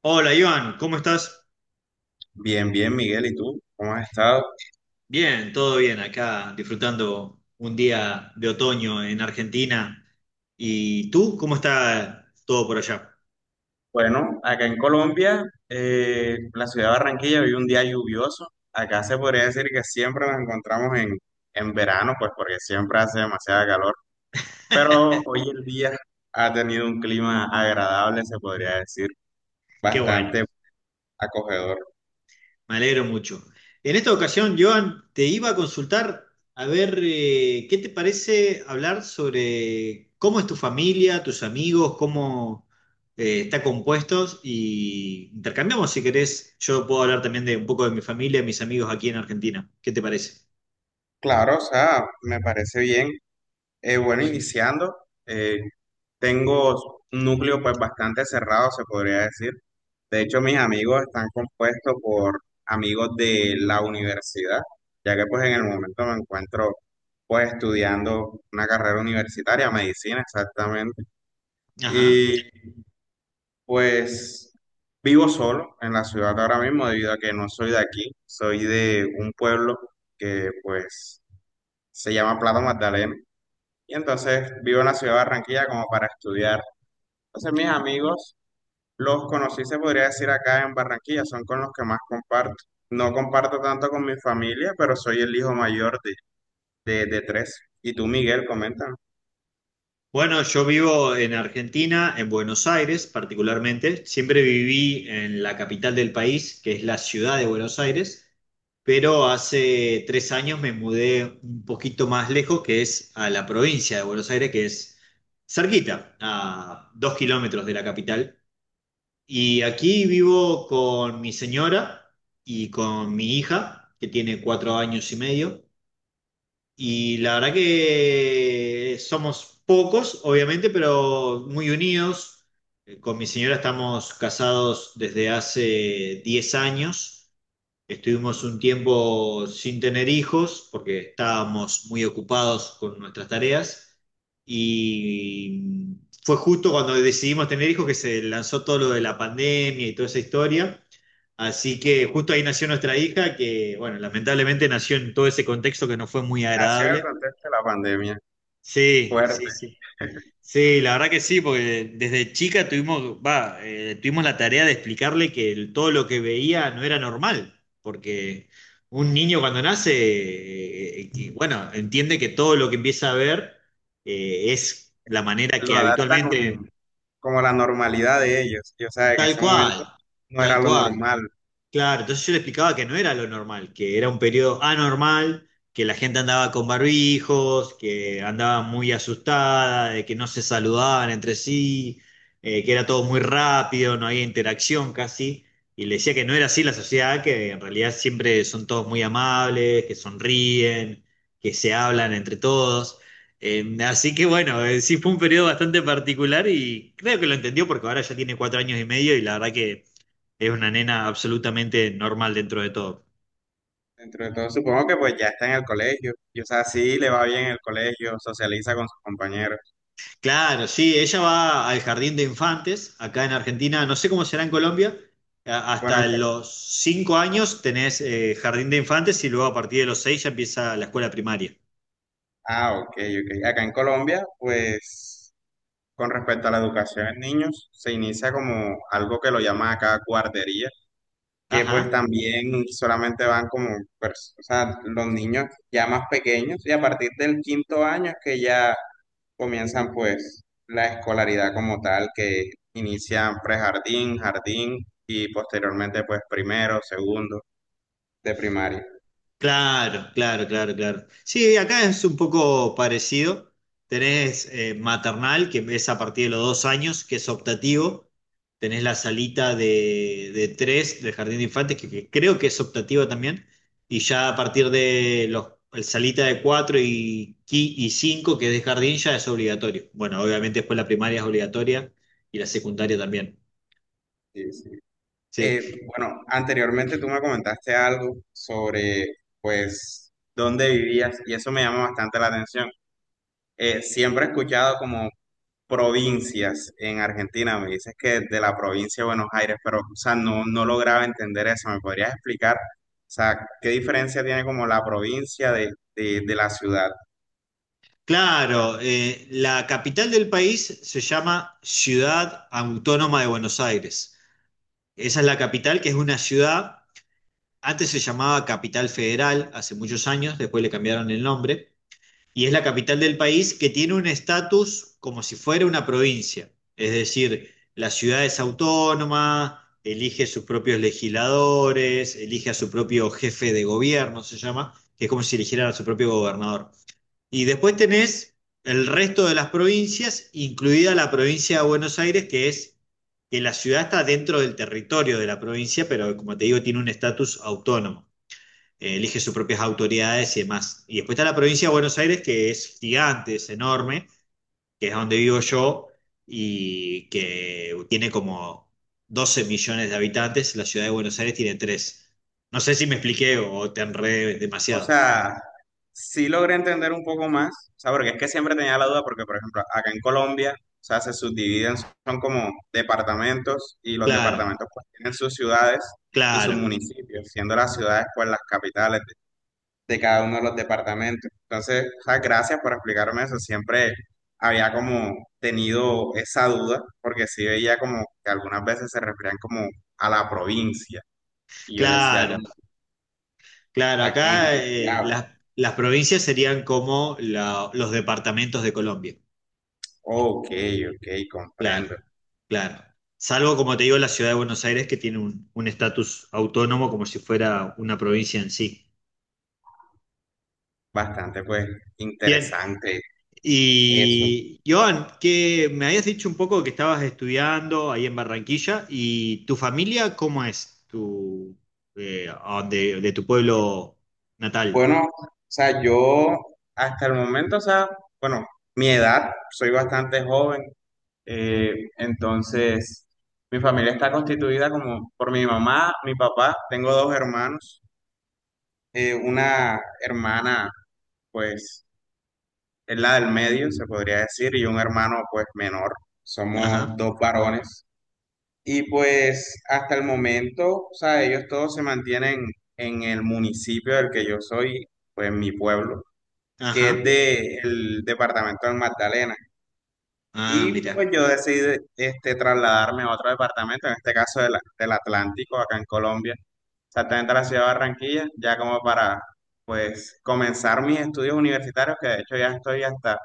Hola Iván, ¿cómo estás? Bien, bien, Miguel, ¿y tú? ¿Cómo has estado? Bien, todo bien, acá disfrutando un día de otoño en Argentina. ¿Y tú? ¿Cómo está todo por allá? Bueno, acá en Colombia, la ciudad de Barranquilla vive un día lluvioso. Acá se podría decir que siempre nos encontramos en verano, pues porque siempre hace demasiada calor. Pero hoy el día ha tenido un clima agradable, se podría decir, Qué bueno, bastante acogedor. me alegro mucho. En esta ocasión, Joan, te iba a consultar a ver qué te parece hablar sobre cómo es tu familia, tus amigos, cómo está compuestos y intercambiamos si querés. Yo puedo hablar también de un poco de mi familia, mis amigos aquí en Argentina. ¿Qué te parece? Claro, o sea, me parece bien. Bueno, iniciando, eh, tengo un núcleo pues bastante cerrado, se podría decir. De hecho, mis amigos están compuestos por amigos de la universidad, ya que pues en el momento me encuentro pues estudiando una carrera universitaria, medicina exactamente. Ajá. Y pues vivo solo en la ciudad ahora mismo debido a que no soy de aquí, soy de un pueblo que pues se llama Plata Magdalena. Y entonces vivo en la ciudad de Barranquilla como para estudiar. Entonces mis amigos los conocí, se podría decir, acá en Barranquilla, son con los que más comparto. No comparto tanto con mi familia, pero soy el hijo mayor de tres. Y tú, Miguel, coméntame. Bueno, yo vivo en Argentina, en Buenos Aires particularmente. Siempre viví en la capital del país, que es la ciudad de Buenos Aires, pero hace 3 años me mudé un poquito más lejos, que es a la provincia de Buenos Aires, que es cerquita, a 2 kilómetros de la capital. Y aquí vivo con mi señora y con mi hija, que tiene 4 años y medio. Y la verdad que somos pocos, obviamente, pero muy unidos. Con mi señora estamos casados desde hace 10 años. Estuvimos un tiempo sin tener hijos porque estábamos muy ocupados con nuestras tareas y fue justo cuando decidimos tener hijos que se lanzó todo lo de la pandemia y toda esa historia. Así que justo ahí nació nuestra hija que, bueno, lamentablemente nació en todo ese contexto que no fue muy Nació en el agradable. contexto de la pandemia, Sí, fuerte. sí, sí. Sí, la verdad que sí, porque desde chica tuvimos la tarea de explicarle que todo lo que veía no era normal, porque un niño cuando nace, que, bueno, entiende que todo lo que empieza a ver es la manera Lo que adapta habitualmente, con como la normalidad de ellos. Y, o sea, en tal ese cual, momento no era tal lo cual. normal. Claro, entonces yo le explicaba que no era lo normal, que era un periodo anormal, que la gente andaba con barbijos, que andaba muy asustada, de que no se saludaban entre sí, que era todo muy rápido, no había interacción casi. Y le decía que no era así la sociedad, que en realidad siempre son todos muy amables, que sonríen, que se hablan entre todos. Así que bueno, sí fue un periodo bastante particular y creo que lo entendió porque ahora ya tiene 4 años y medio y la verdad que es una nena absolutamente normal dentro de todo. Dentro de todo, supongo que pues ya está en el colegio. Y, o sea, sí le va bien el colegio, socializa con sus compañeros. Claro, sí, ella va al jardín de infantes, acá en Argentina, no sé cómo será en Colombia, Bueno, hasta en- los 5 años tenés jardín de infantes y luego a partir de los seis ya empieza la escuela primaria. ah, ok, ok. Acá en Colombia, pues. Con respecto a la educación en niños, se inicia como algo que lo llaman acá guardería, que pues Ajá. también solamente van como, o sea, los niños ya más pequeños, y a partir del quinto año es que ya comienzan pues la escolaridad como tal, que inician prejardín, jardín, y posteriormente pues primero, segundo de primaria. Claro, claro, claro, claro. Sí, acá es un poco parecido. Tenés maternal, que es a partir de los 2 años, que es optativo. Tenés la salita de tres del jardín de infantes, que creo que es optativo también. Y ya a partir de los el salita de cuatro y cinco, que es de jardín, ya es obligatorio. Bueno, obviamente después la primaria es obligatoria y la secundaria también. Sí, sí. Sí. Eh, bueno, anteriormente tú me comentaste algo sobre pues dónde vivías y eso me llama bastante la atención. Siempre he escuchado como provincias en Argentina, me dices que de la provincia de Buenos Aires, pero o sea, no, no lograba entender eso. ¿Me podrías explicar, o sea, qué diferencia tiene como la provincia de la ciudad? Claro, la capital del país se llama Ciudad Autónoma de Buenos Aires. Esa es la capital, que es una ciudad, antes se llamaba Capital Federal, hace muchos años, después le cambiaron el nombre, y es la capital del país que tiene un estatus como si fuera una provincia. Es decir, la ciudad es autónoma, elige sus propios legisladores, elige a su propio jefe de gobierno, se llama, que es como si eligieran a su propio gobernador. Y después tenés el resto de las provincias, incluida la provincia de Buenos Aires, que es que la ciudad está dentro del territorio de la provincia, pero como te digo, tiene un estatus autónomo. Elige sus propias autoridades y demás. Y después está la provincia de Buenos Aires, que es gigante, es enorme, que es donde vivo yo y que tiene como 12 millones de habitantes. La ciudad de Buenos Aires tiene tres. No sé si me expliqué o te enredé O demasiado. sea, sí logré entender un poco más, o sea, porque es que siempre tenía la duda, porque por ejemplo, acá en Colombia, o sea, se subdividen, son como departamentos y los Claro, departamentos pues tienen sus ciudades y sus claro, municipios, siendo las ciudades pues las capitales de cada uno de los departamentos. Entonces, o sea, gracias por explicarme eso. Siempre había como tenido esa duda, porque sí veía como que algunas veces se referían como a la provincia. Y yo decía claro. como, Claro, ¿a qué, acá de qué hablas? Las provincias serían como los departamentos de Colombia. Ok, ok, Claro, comprendo. claro. Salvo, como te digo, la ciudad de Buenos Aires, que tiene un estatus autónomo como si fuera una provincia en sí. Bastante pues Bien, interesante eso. y Joan, que me habías dicho un poco que estabas estudiando ahí en Barranquilla, ¿y tu familia cómo es? Tu, de tu pueblo natal. Bueno, o sea, yo hasta el momento, o sea, bueno, mi edad, soy bastante joven. Eh, entonces, mi familia está constituida como por mi mamá, mi papá, tengo dos hermanos, una hermana, pues, es la del medio, se podría decir, y un hermano, pues, menor. Somos Ajá, dos varones. Y pues, hasta el momento, o sea, ellos todos se mantienen en el municipio del que yo soy, pues, mi pueblo, que es ajá. del departamento del Magdalena. Ah, Y pues mira. yo decidí este, trasladarme a otro departamento, en este caso del Atlántico, acá en Colombia, exactamente a la ciudad de Barranquilla, ya como para pues comenzar mis estudios universitarios, que de hecho ya estoy hasta,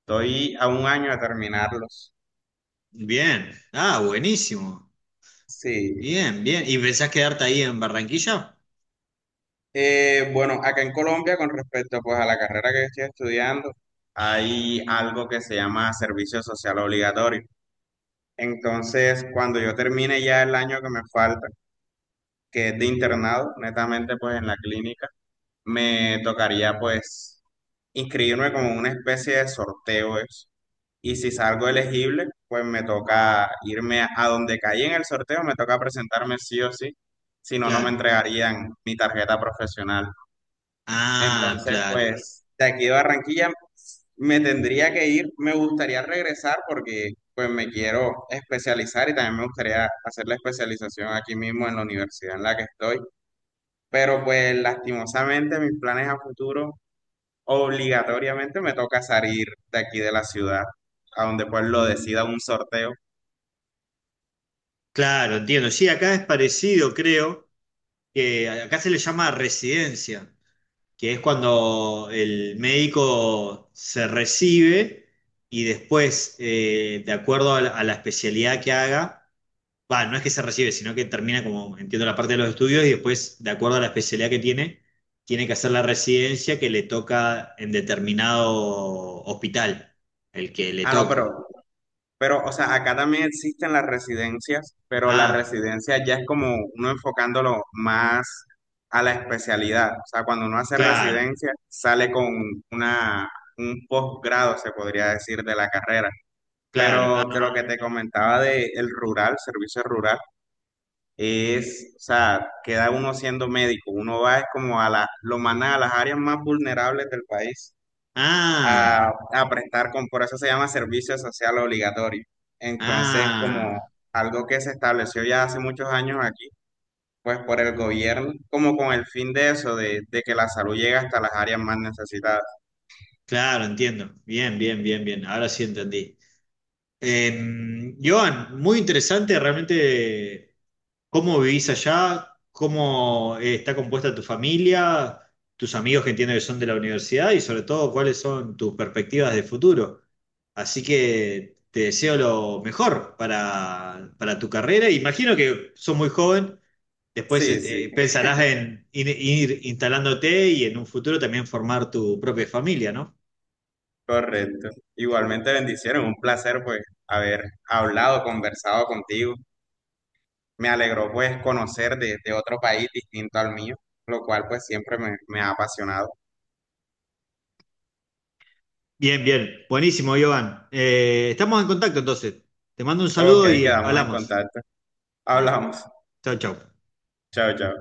estoy a un año de terminarlos. Bien, ah, buenísimo. Sí. Bien, bien. ¿Y pensás quedarte ahí en Barranquilla? Bueno, acá en Colombia, con respecto pues a la carrera que estoy estudiando, hay algo que se llama servicio social obligatorio. Entonces, cuando yo termine ya el año que me falta, que es de internado, netamente pues en la clínica, me tocaría pues inscribirme como en una especie de sorteo eso. Y si salgo elegible, pues me toca irme a donde caí en el sorteo, me toca presentarme sí o sí, si no, no me Claro. entregarían mi tarjeta profesional. Ah, Entonces, claro. pues de aquí de Barranquilla me tendría que ir, me gustaría regresar porque pues me quiero especializar y también me gustaría hacer la especialización aquí mismo en la universidad en la que estoy. Pero pues lastimosamente mis planes a futuro obligatoriamente me toca salir de aquí de la ciudad, a donde pues lo decida un sorteo. Claro, entiendo. Sí, acá es parecido, creo, que acá se le llama residencia, que es cuando el médico se recibe y después, de acuerdo a la especialidad que haga, va, no es que se recibe, sino que termina como, entiendo, la parte de los estudios y después, de acuerdo a la especialidad que tiene, tiene que hacer la residencia que le toca en determinado hospital, el que le Ah, no, toque. Pero, o sea, acá también existen las residencias, pero la Ah, residencia ya es como uno enfocándolo más a la especialidad. O sea, cuando uno hace claro, residencia, sale con una, un posgrado, se podría decir, de la carrera. claro. Ah, Pero de lo que te comentaba del rural, servicio rural, es, o sea, queda uno siendo médico, uno va es como a la, lo mandan a las áreas más vulnerables del país ah, a prestar, con, por eso se llama servicio social obligatorio. Entonces, como ah, algo que se estableció ya hace muchos años aquí, pues por el gobierno, como con el fin de eso, de que la salud llegue hasta las áreas más necesitadas. claro, entiendo. Bien, bien, bien, bien. Ahora sí entendí. Joan, muy interesante realmente cómo vivís allá, cómo está compuesta tu familia, tus amigos que entiendo que son de la universidad y sobre todo cuáles son tus perspectivas de futuro. Así que te deseo lo mejor para tu carrera. Imagino que sos muy joven, después Sí, sí, pensarás en ir instalándote y en un futuro también formar tu propia familia, ¿no? correcto. Igualmente bendiciones, un placer pues haber hablado, conversado contigo. Me alegró pues conocer de otro país distinto al mío, lo cual pues siempre me ha apasionado. Bien, bien. Buenísimo, Joan. Estamos en contacto entonces. Te mando un Ok, saludo y quedamos en hablamos. contacto. Dale. Hablamos. Chau, chau. Chao, chao.